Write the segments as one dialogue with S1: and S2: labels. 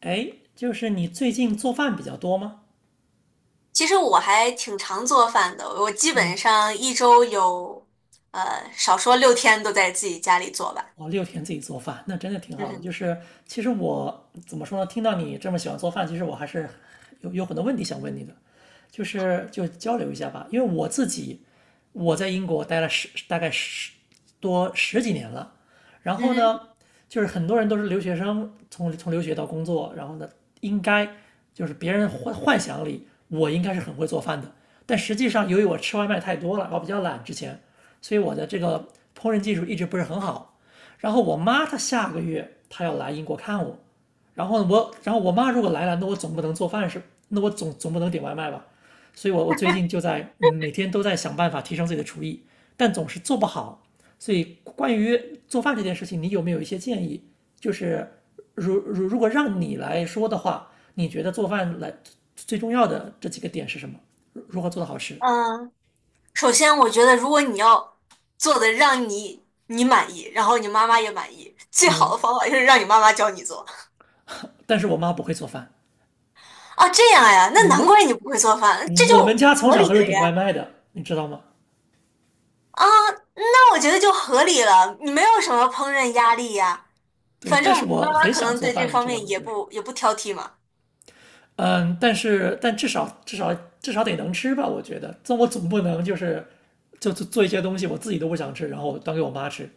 S1: 哎，就是你最近做饭比较多吗？
S2: 其实我还挺常做饭的，我基本
S1: 嗯。
S2: 上一周有，少说六天都在自己家里做吧。
S1: 哦，六天自己做饭，那真的挺
S2: 嗯
S1: 好的。就
S2: 哼，
S1: 是其实我怎么说呢？听到你这么喜欢做饭，其实我还是有很多问题想问你的，就交流一下吧。因为我自己我在英国待了大概多十几年了，然后
S2: 嗯
S1: 呢，就是很多人都是留学生，从留学到工作，然后呢，应该就是别人幻想里我应该是很会做饭的，但实际上由于我吃外卖太多了，我比较懒之前，所以我的这个烹饪技术一直不是很好。然后我妈她下个月她要来英国看我，然后我妈如果来了，那我总不能点外卖吧，所以我最近就在每天都在想办法提升自己的厨艺，但总是做不好。所以关于做饭这件事情，你有没有一些建议？就是如果让你来说的话，你觉得做饭来最重要的这几个点是什么？如何做的好吃？
S2: 哼。嗯。首先我觉得，如果你要做的让你满意，然后你妈妈也满意，最好
S1: 嗯，
S2: 的方法就是让你妈妈教你做。
S1: 但是我妈不会做饭，
S2: 啊，这样呀，那难怪
S1: 我
S2: 你不会做饭，这
S1: 我们
S2: 就
S1: 家从
S2: 合理
S1: 小都是
S2: 了
S1: 点外
S2: 呀。
S1: 卖的，你知道吗？
S2: 啊，那我觉得就合理了，你没有什么烹饪压力呀。
S1: 对，
S2: 反
S1: 但
S2: 正
S1: 是
S2: 妈
S1: 我
S2: 妈
S1: 很
S2: 可
S1: 想
S2: 能
S1: 做
S2: 对这
S1: 饭，你
S2: 方
S1: 知道
S2: 面
S1: 吗？
S2: 也
S1: 就是，
S2: 不也不挑剔嘛。
S1: 嗯，但是但至少得能吃吧，我觉得。这我总不能就是就做一些东西我自己都不想吃，然后端给我妈吃。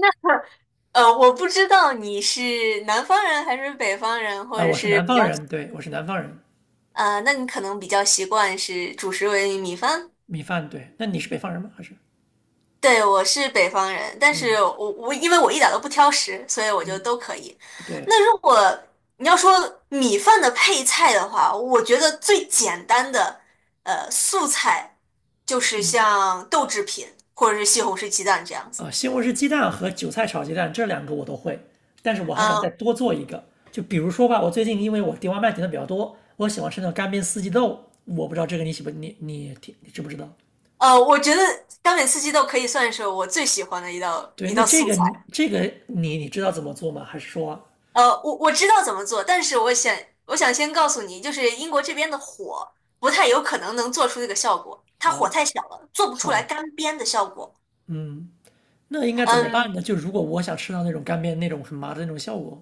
S2: 我不知道你是南方人还是北方人，或
S1: 啊，
S2: 者
S1: 我是
S2: 是
S1: 南
S2: 比
S1: 方
S2: 较，
S1: 人，对，我是南方人，
S2: 那你可能比较习惯是主食为米饭。
S1: 米饭，对。那你是北方人吗？还是？
S2: 对，我是北方人，但是
S1: 嗯
S2: 我因为我一点都不挑食，所以我就
S1: 嗯，
S2: 都可以。
S1: 对，
S2: 那如果你要说米饭的配菜的话，我觉得最简单的素菜就是像豆制品或者是西红柿鸡蛋这样子。
S1: 啊，西红柿鸡蛋和韭菜炒鸡蛋这两个我都会，但是我还想再
S2: 嗯。
S1: 多做一个。就比如说吧，我最近因为我点外卖点的比较多，我喜欢吃那种干煸四季豆，我不知道这个你喜不你你你你知不知道？
S2: 我觉得干煸四季豆可以算是我最喜欢的一道
S1: 对，
S2: 一
S1: 那
S2: 道
S1: 这
S2: 素
S1: 个
S2: 菜。
S1: 这个你你知道怎么做吗？还是说
S2: 我知道怎么做，但是我想先告诉你，就是英国这边的火不太有可能能做出这个效果，它火
S1: 啊，
S2: 太小了，做不出
S1: 好
S2: 来
S1: 吧，
S2: 干煸的效果。
S1: 嗯，那应该怎么
S2: 嗯。
S1: 办呢？就如果我想吃到那种干煸那种很麻的那种效果，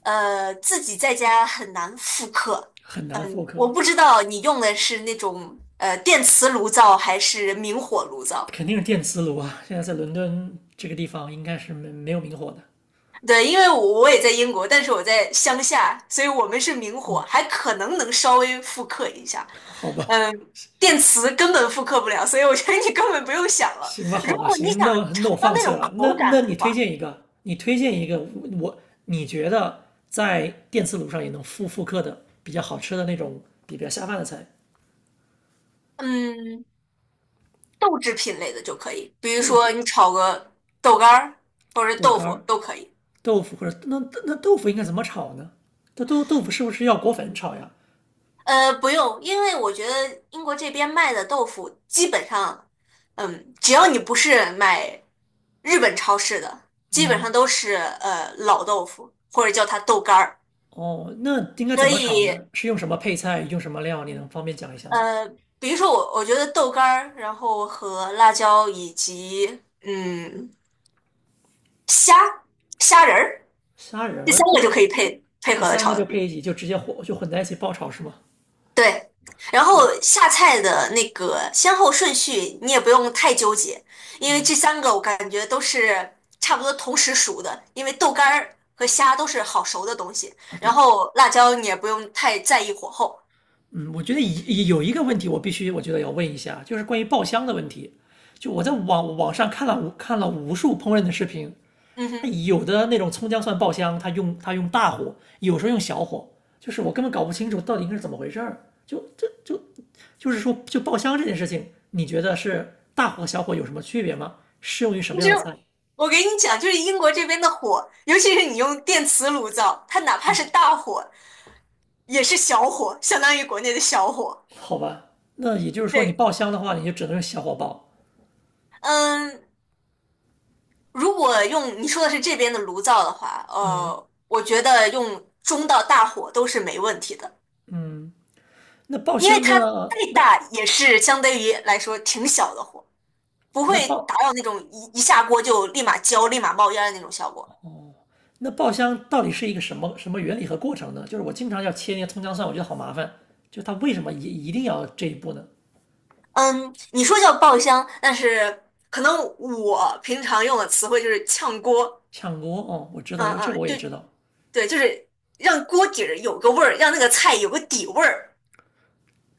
S2: 自己在家很难复刻。
S1: 很难复
S2: 我
S1: 刻，
S2: 不知道你用的是那种电磁炉灶还是明火炉灶。
S1: 肯定是电磁炉啊。现在在伦敦这个地方应该是没有明火的，
S2: 对，因为我也在英国，但是我在乡下，所以我们是明火，还可能能稍微复刻一下。
S1: 好吧。
S2: 嗯，电磁根本复刻不了，所以我觉得你根本不用想了。
S1: 行吧，
S2: 如
S1: 好吧，
S2: 果你
S1: 行，
S2: 想
S1: 那
S2: 尝
S1: 我
S2: 到
S1: 放
S2: 那
S1: 弃
S2: 种
S1: 了。
S2: 口
S1: 那
S2: 感的
S1: 你推
S2: 话，
S1: 荐一个，你推荐一个，我你觉得在电磁炉上也能复刻的比较好吃的那种比较下饭的菜，
S2: 嗯，豆制品类的就可以，比如
S1: 豆
S2: 说
S1: 汁、
S2: 你炒个豆干儿或者
S1: 豆
S2: 豆
S1: 干
S2: 腐
S1: 儿、
S2: 都可以。
S1: 豆腐或者那豆腐应该怎么炒呢？那豆腐是不是要裹粉炒呀？
S2: 呃，不用，因为我觉得英国这边卖的豆腐基本上，嗯，只要你不是买日本超市的，基本上都是老豆腐，或者叫它豆干儿。
S1: 哦，那应该怎
S2: 所
S1: 么炒呢？
S2: 以，
S1: 是用什么配菜，用什么料？你能方便讲一下吗？
S2: 呃，比如说我，我觉得豆干儿，然后和辣椒以及虾仁儿，
S1: 虾仁
S2: 这三
S1: 儿、
S2: 个
S1: 豆
S2: 就可以
S1: 腐，
S2: 配配
S1: 这
S2: 合的
S1: 三个就
S2: 炒。
S1: 配一起，就直接混在一起爆炒是吗？
S2: 对，然后
S1: 哦
S2: 下菜的那个先后顺序你也不用太纠结，因为这三个我感觉都是差不多同时熟的，因为豆干儿和虾都是好熟的东西，
S1: 啊，
S2: 然
S1: 对，
S2: 后辣椒你也不用太在意火候。
S1: 嗯，我觉得有一个问题，我必须我觉得要问一下，就是关于爆香的问题。就我在网上看了无数烹饪的视频，
S2: 嗯
S1: 那
S2: 哼。
S1: 有的那种葱姜蒜爆香，它用大火，有时候用小火，就是我根本搞不清楚到底应该是怎么回事儿。就是说，就爆香这件事情，你觉得是大火和小火有什么区别吗？适用于什
S2: 其
S1: 么样
S2: 实
S1: 的菜？
S2: 我给你讲，就是英国这边的火，尤其是你用电磁炉灶，它哪怕是大火也是小火，相当于国内的小火。
S1: 好吧，那也就是说，你
S2: 对。
S1: 爆香的话，你就只能用小火爆。
S2: 嗯，如果用你说的是这边的炉灶的话，
S1: 嗯，
S2: 我觉得用中到大火都是没问题的，
S1: 那爆
S2: 因为
S1: 香
S2: 它再
S1: 的那
S2: 大也是相对于来说挺小的火，不
S1: 那
S2: 会达
S1: 爆
S2: 到那种一下锅就立马焦、立马冒烟的那种效果。
S1: 那爆香到底是一个什么什么原理和过程呢？就是我经常要切那些葱姜蒜，我觉得好麻烦。就它为什么一定要这一步呢？
S2: 嗯，你说叫爆香，但是可能我平常用的词汇就是炝锅。
S1: 炝锅哦，我知道这
S2: 嗯
S1: 个这个
S2: 嗯，
S1: 我也知
S2: 对
S1: 道。
S2: 对，就是让锅底儿有个味儿，让那个菜有个底味儿。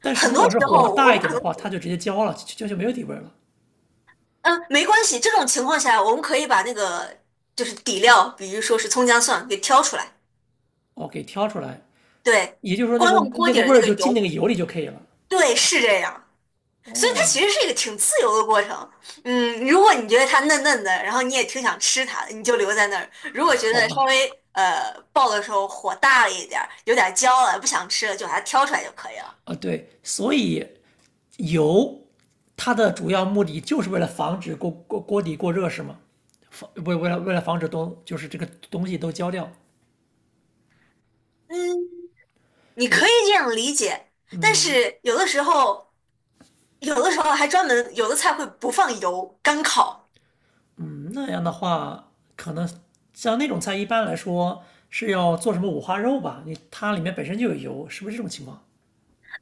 S1: 但是如
S2: 多
S1: 果
S2: 时
S1: 是火
S2: 候我
S1: 大一
S2: 们
S1: 点
S2: 可
S1: 的
S2: 能。
S1: 话，它就直接焦了，就没有底味了。
S2: 嗯，没关系，这种情况下我们可以把那个就是底料，比如说是葱姜蒜给挑出来。
S1: 哦，给挑出来，
S2: 对，
S1: 也就是说那
S2: 光用
S1: 个
S2: 锅
S1: 那
S2: 底
S1: 个
S2: 儿的
S1: 味
S2: 那
S1: 儿
S2: 个
S1: 就进那
S2: 油，
S1: 个油里就可以了。
S2: 对，是这样。所以它
S1: 哦，
S2: 其实是一个挺自由的过程。嗯，如果你觉得它嫩嫩的，然后你也挺想吃它的，你就留在那儿；如果觉
S1: 好
S2: 得稍
S1: 吧，
S2: 微爆的时候火大了一点儿，有点焦了，不想吃了，就把它挑出来就可以了。
S1: 啊对，所以油它的主要目的就是为了防止锅底过热是吗？为了防止东就是这个东西都焦掉。
S2: 嗯，你可
S1: 对，
S2: 以这样理解，但是有的时候，有的时候还专门有的菜会不放油，干烤。
S1: 嗯，那样的话，可能像那种菜一般来说是要做什么五花肉吧？它里面本身就有油，是不是这种情况？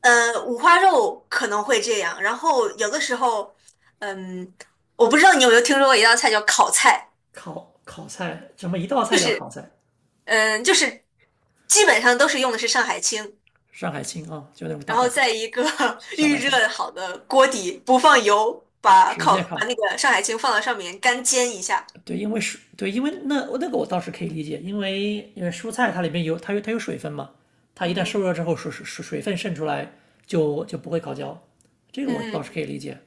S2: 呃，五花肉可能会这样，然后有的时候，嗯，我不知道你有没有听说过一道菜叫烤菜，
S1: 烤菜，什么一道
S2: 就
S1: 菜叫
S2: 是，
S1: 烤菜？
S2: 嗯，就是基本上都是用的是上海青，
S1: 上海青啊，就那种大
S2: 然
S1: 白
S2: 后
S1: 菜、
S2: 在一个
S1: 小
S2: 预
S1: 白菜，
S2: 热好的锅底，不放油，把
S1: 直
S2: 烤
S1: 接
S2: 把
S1: 烤。
S2: 那个上海青放到上面干煎一下。
S1: 对，因为是，对，因为那那个我倒是可以理解，因为因为蔬菜它里面有它有它有水分嘛，它一
S2: 嗯
S1: 旦受
S2: 哼。
S1: 热之后水分渗出来就不会烤焦，这个
S2: 嗯
S1: 我倒是可
S2: 哼。
S1: 以理解，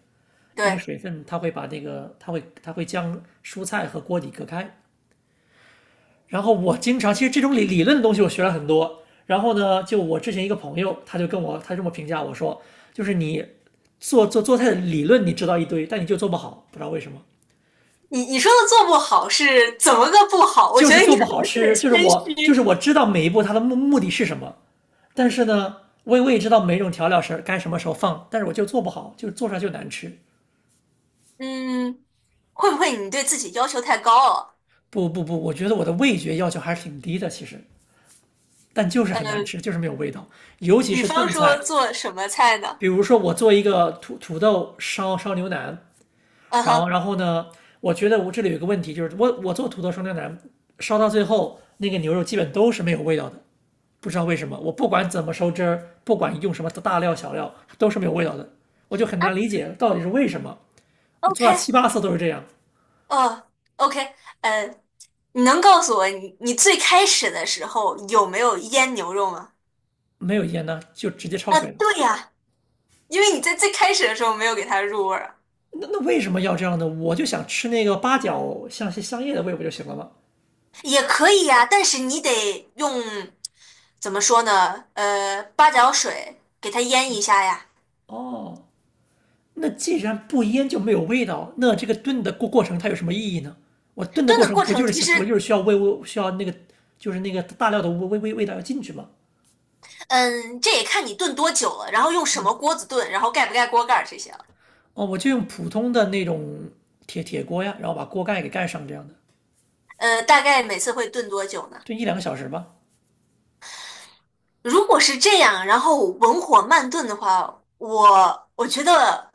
S1: 因为
S2: 对，
S1: 水分它会把那个它会它会将蔬菜和锅底隔开。然后我经常，其实这种理论的东西我学了很多。然后呢，就我之前一个朋友，他这么评价我说，就是你做菜的理论你知道一堆，但你就做不好，不知道为什么，
S2: 你你说的做不好是怎么个不好？我
S1: 就
S2: 觉
S1: 是
S2: 得
S1: 做
S2: 你
S1: 不
S2: 可
S1: 好
S2: 能是
S1: 吃。就是
S2: 个谦虚。
S1: 我知道每一步它的目的是什么，但是呢，我也知道每一种调料是该什么时候放，但是我就做不好，就做出来就难吃。
S2: 嗯，会不会你对自己要求太高了？
S1: 不，我觉得我的味觉要求还是挺低的，其实，但就是很难
S2: 呃，
S1: 吃，就是没有味道，尤其
S2: 比
S1: 是
S2: 方
S1: 炖
S2: 说
S1: 菜，
S2: 做什么菜呢？
S1: 比如说，我做一个土豆烧牛腩，
S2: 嗯哼。
S1: 然后呢，我觉得我这里有一个问题，就是我做土豆烧牛腩，烧到最后那个牛肉基本都是没有味道的，不知道为什么。我不管怎么收汁儿，不管用什么大料小料，都是没有味道的，我就很
S2: 啊
S1: 难理解到底是为什么。我做
S2: ，OK。
S1: 了七八次都是这样，
S2: 哦，OK。呃，你能告诉我你最开始的时候有没有腌牛肉吗？
S1: 没有盐呢就直接焯
S2: 啊，
S1: 水了。
S2: 对呀，因为你在最开始的时候没有给它入味儿啊。
S1: 那为什么要这样呢？我就想吃那个八角香叶的味不就行了吗？
S2: 也可以呀，但是你得用怎么说呢？呃，八角水给它腌一下呀。
S1: 哦，那既然不腌就没有味道，那这个炖的过程它有什么意义呢？我炖的
S2: 炖
S1: 过
S2: 的
S1: 程
S2: 过程其实，
S1: 不就是需要味需要那个就是那个大料的味道要进去吗？
S2: 嗯，这也看你炖多久了，然后用什么锅子炖，然后盖不盖锅盖儿这些了。
S1: 哦，我就用普通的那种铁锅呀，然后把锅盖给盖上这样的，
S2: 呃，大概每次会炖多久呢？
S1: 炖一两个小时吧。
S2: 如果是这样，然后文火慢炖的话，我觉得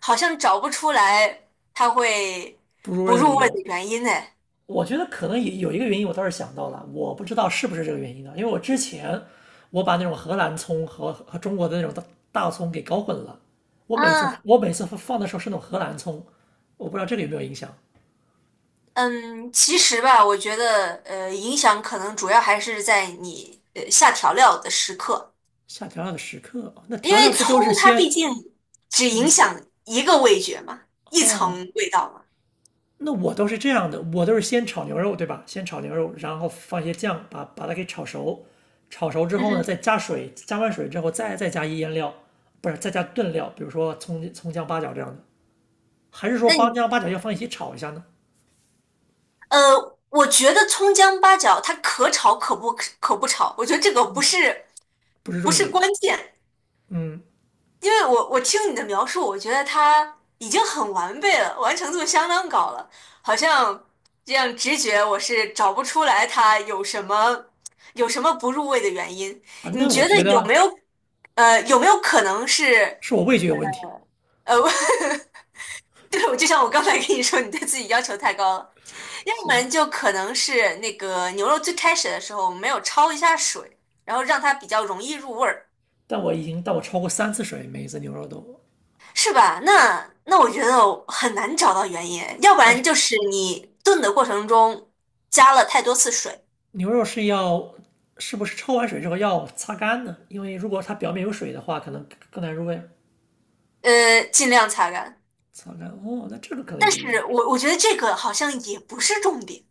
S2: 好像找不出来它会
S1: 不入
S2: 不
S1: 味的
S2: 入
S1: 理
S2: 味的
S1: 由，
S2: 原因呢。
S1: 我觉得可能也有一个原因，我倒是想到了，我不知道是不是这个原因呢？因为我之前我把那种荷兰葱和中国的那种大葱给搞混了，
S2: 啊。
S1: 我每次放的时候是那种荷兰葱，我不知道这个有没有影响。
S2: 嗯，其实吧，我觉得影响可能主要还是在你下调料的时刻，
S1: 下调料的时刻啊，哦那
S2: 因
S1: 调
S2: 为
S1: 料不
S2: 葱
S1: 都是
S2: 它毕
S1: 先
S2: 竟只影响一个味觉嘛，一层
S1: 哦？
S2: 味道嘛。
S1: 那我都是这样的，我都是先炒牛肉，对吧？先炒牛肉，然后放一些酱，把它给炒熟。炒熟之
S2: 嗯
S1: 后呢，
S2: 哼。
S1: 再加水，加完水之后再加一腌料，不是再加炖料，比如说葱姜八角这样的，还是说
S2: 那
S1: 八
S2: 你
S1: 姜八角要放一起炒一下呢？
S2: 我觉得葱姜八角它可炒可不炒，我觉得这个不是。
S1: 不是
S2: 不
S1: 重
S2: 是
S1: 点。
S2: 关键，
S1: 嗯
S2: 因为我听你的描述，我觉得它已经很完备了，完成度相当高了，好像这样直觉我是找不出来它有什么有什么不入味的原因。
S1: 啊，
S2: 你
S1: 那我
S2: 觉得
S1: 觉
S2: 有没
S1: 得
S2: 有有没有可能是
S1: 是我味觉有问题。
S2: 呃，对，我就像我刚才跟你说，你对自己要求太高了，要不
S1: 行，
S2: 然就可能是那个牛肉最开始的时候我们没有焯一下水，然后让它比较容易入味儿。
S1: 但我已经但我超过三次水，每一次牛肉都，
S2: 是吧？那那我觉得很难找到原因，要不
S1: 哦，
S2: 然
S1: 是
S2: 就是你炖的过程中加了太多次水。
S1: 牛肉是要是不是焯完水之后要擦干呢？因为如果它表面有水的话，可能更难入味。
S2: 呃，尽量擦干。
S1: 擦干哦，那这个可能也
S2: 但
S1: 是原因。
S2: 是我觉得这个好像也不是重点。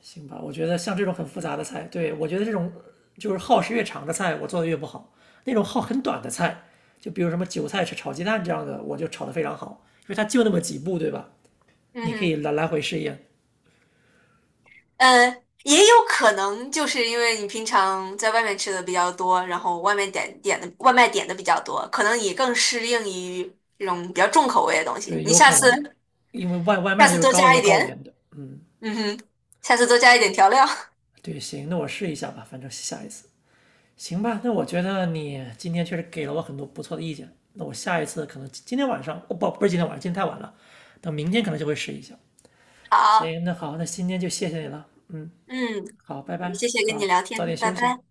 S1: 行吧，我觉得像这种很复杂的菜，对，我觉得这种就是耗时越长的菜，我做的越不好。那种耗很短的菜，就比如什么韭菜炒鸡蛋这样的，我就炒得非常好，因为它就那么几步，对吧？
S2: 嗯
S1: 你可
S2: 哼。
S1: 以来回试验。
S2: 呃，也有可能就是因为你平常在外面吃的比较多，然后外面点的外卖点的比较多，可能你更适应于这种比较重口味的东西。
S1: 对，
S2: 你
S1: 有
S2: 下
S1: 可
S2: 次
S1: 能，因为外
S2: 下
S1: 卖就
S2: 次
S1: 是
S2: 多
S1: 高
S2: 加
S1: 油
S2: 一
S1: 高
S2: 点，
S1: 盐的。嗯，
S2: 嗯哼，下次多加一点调料。
S1: 对，行，那我试一下吧，反正下一次。行吧，那我觉得你今天确实给了我很多不错的意见。那我下一次可能今天晚上，哦不，不是今天晚上，今天太晚了，等明天可能就会试一下。
S2: 好。
S1: 行，那好，那今天就谢谢你了。嗯，
S2: 嗯。
S1: 好，拜
S2: 也
S1: 拜，
S2: 谢谢跟你
S1: 早
S2: 聊
S1: 早点
S2: 天，拜
S1: 休息。
S2: 拜。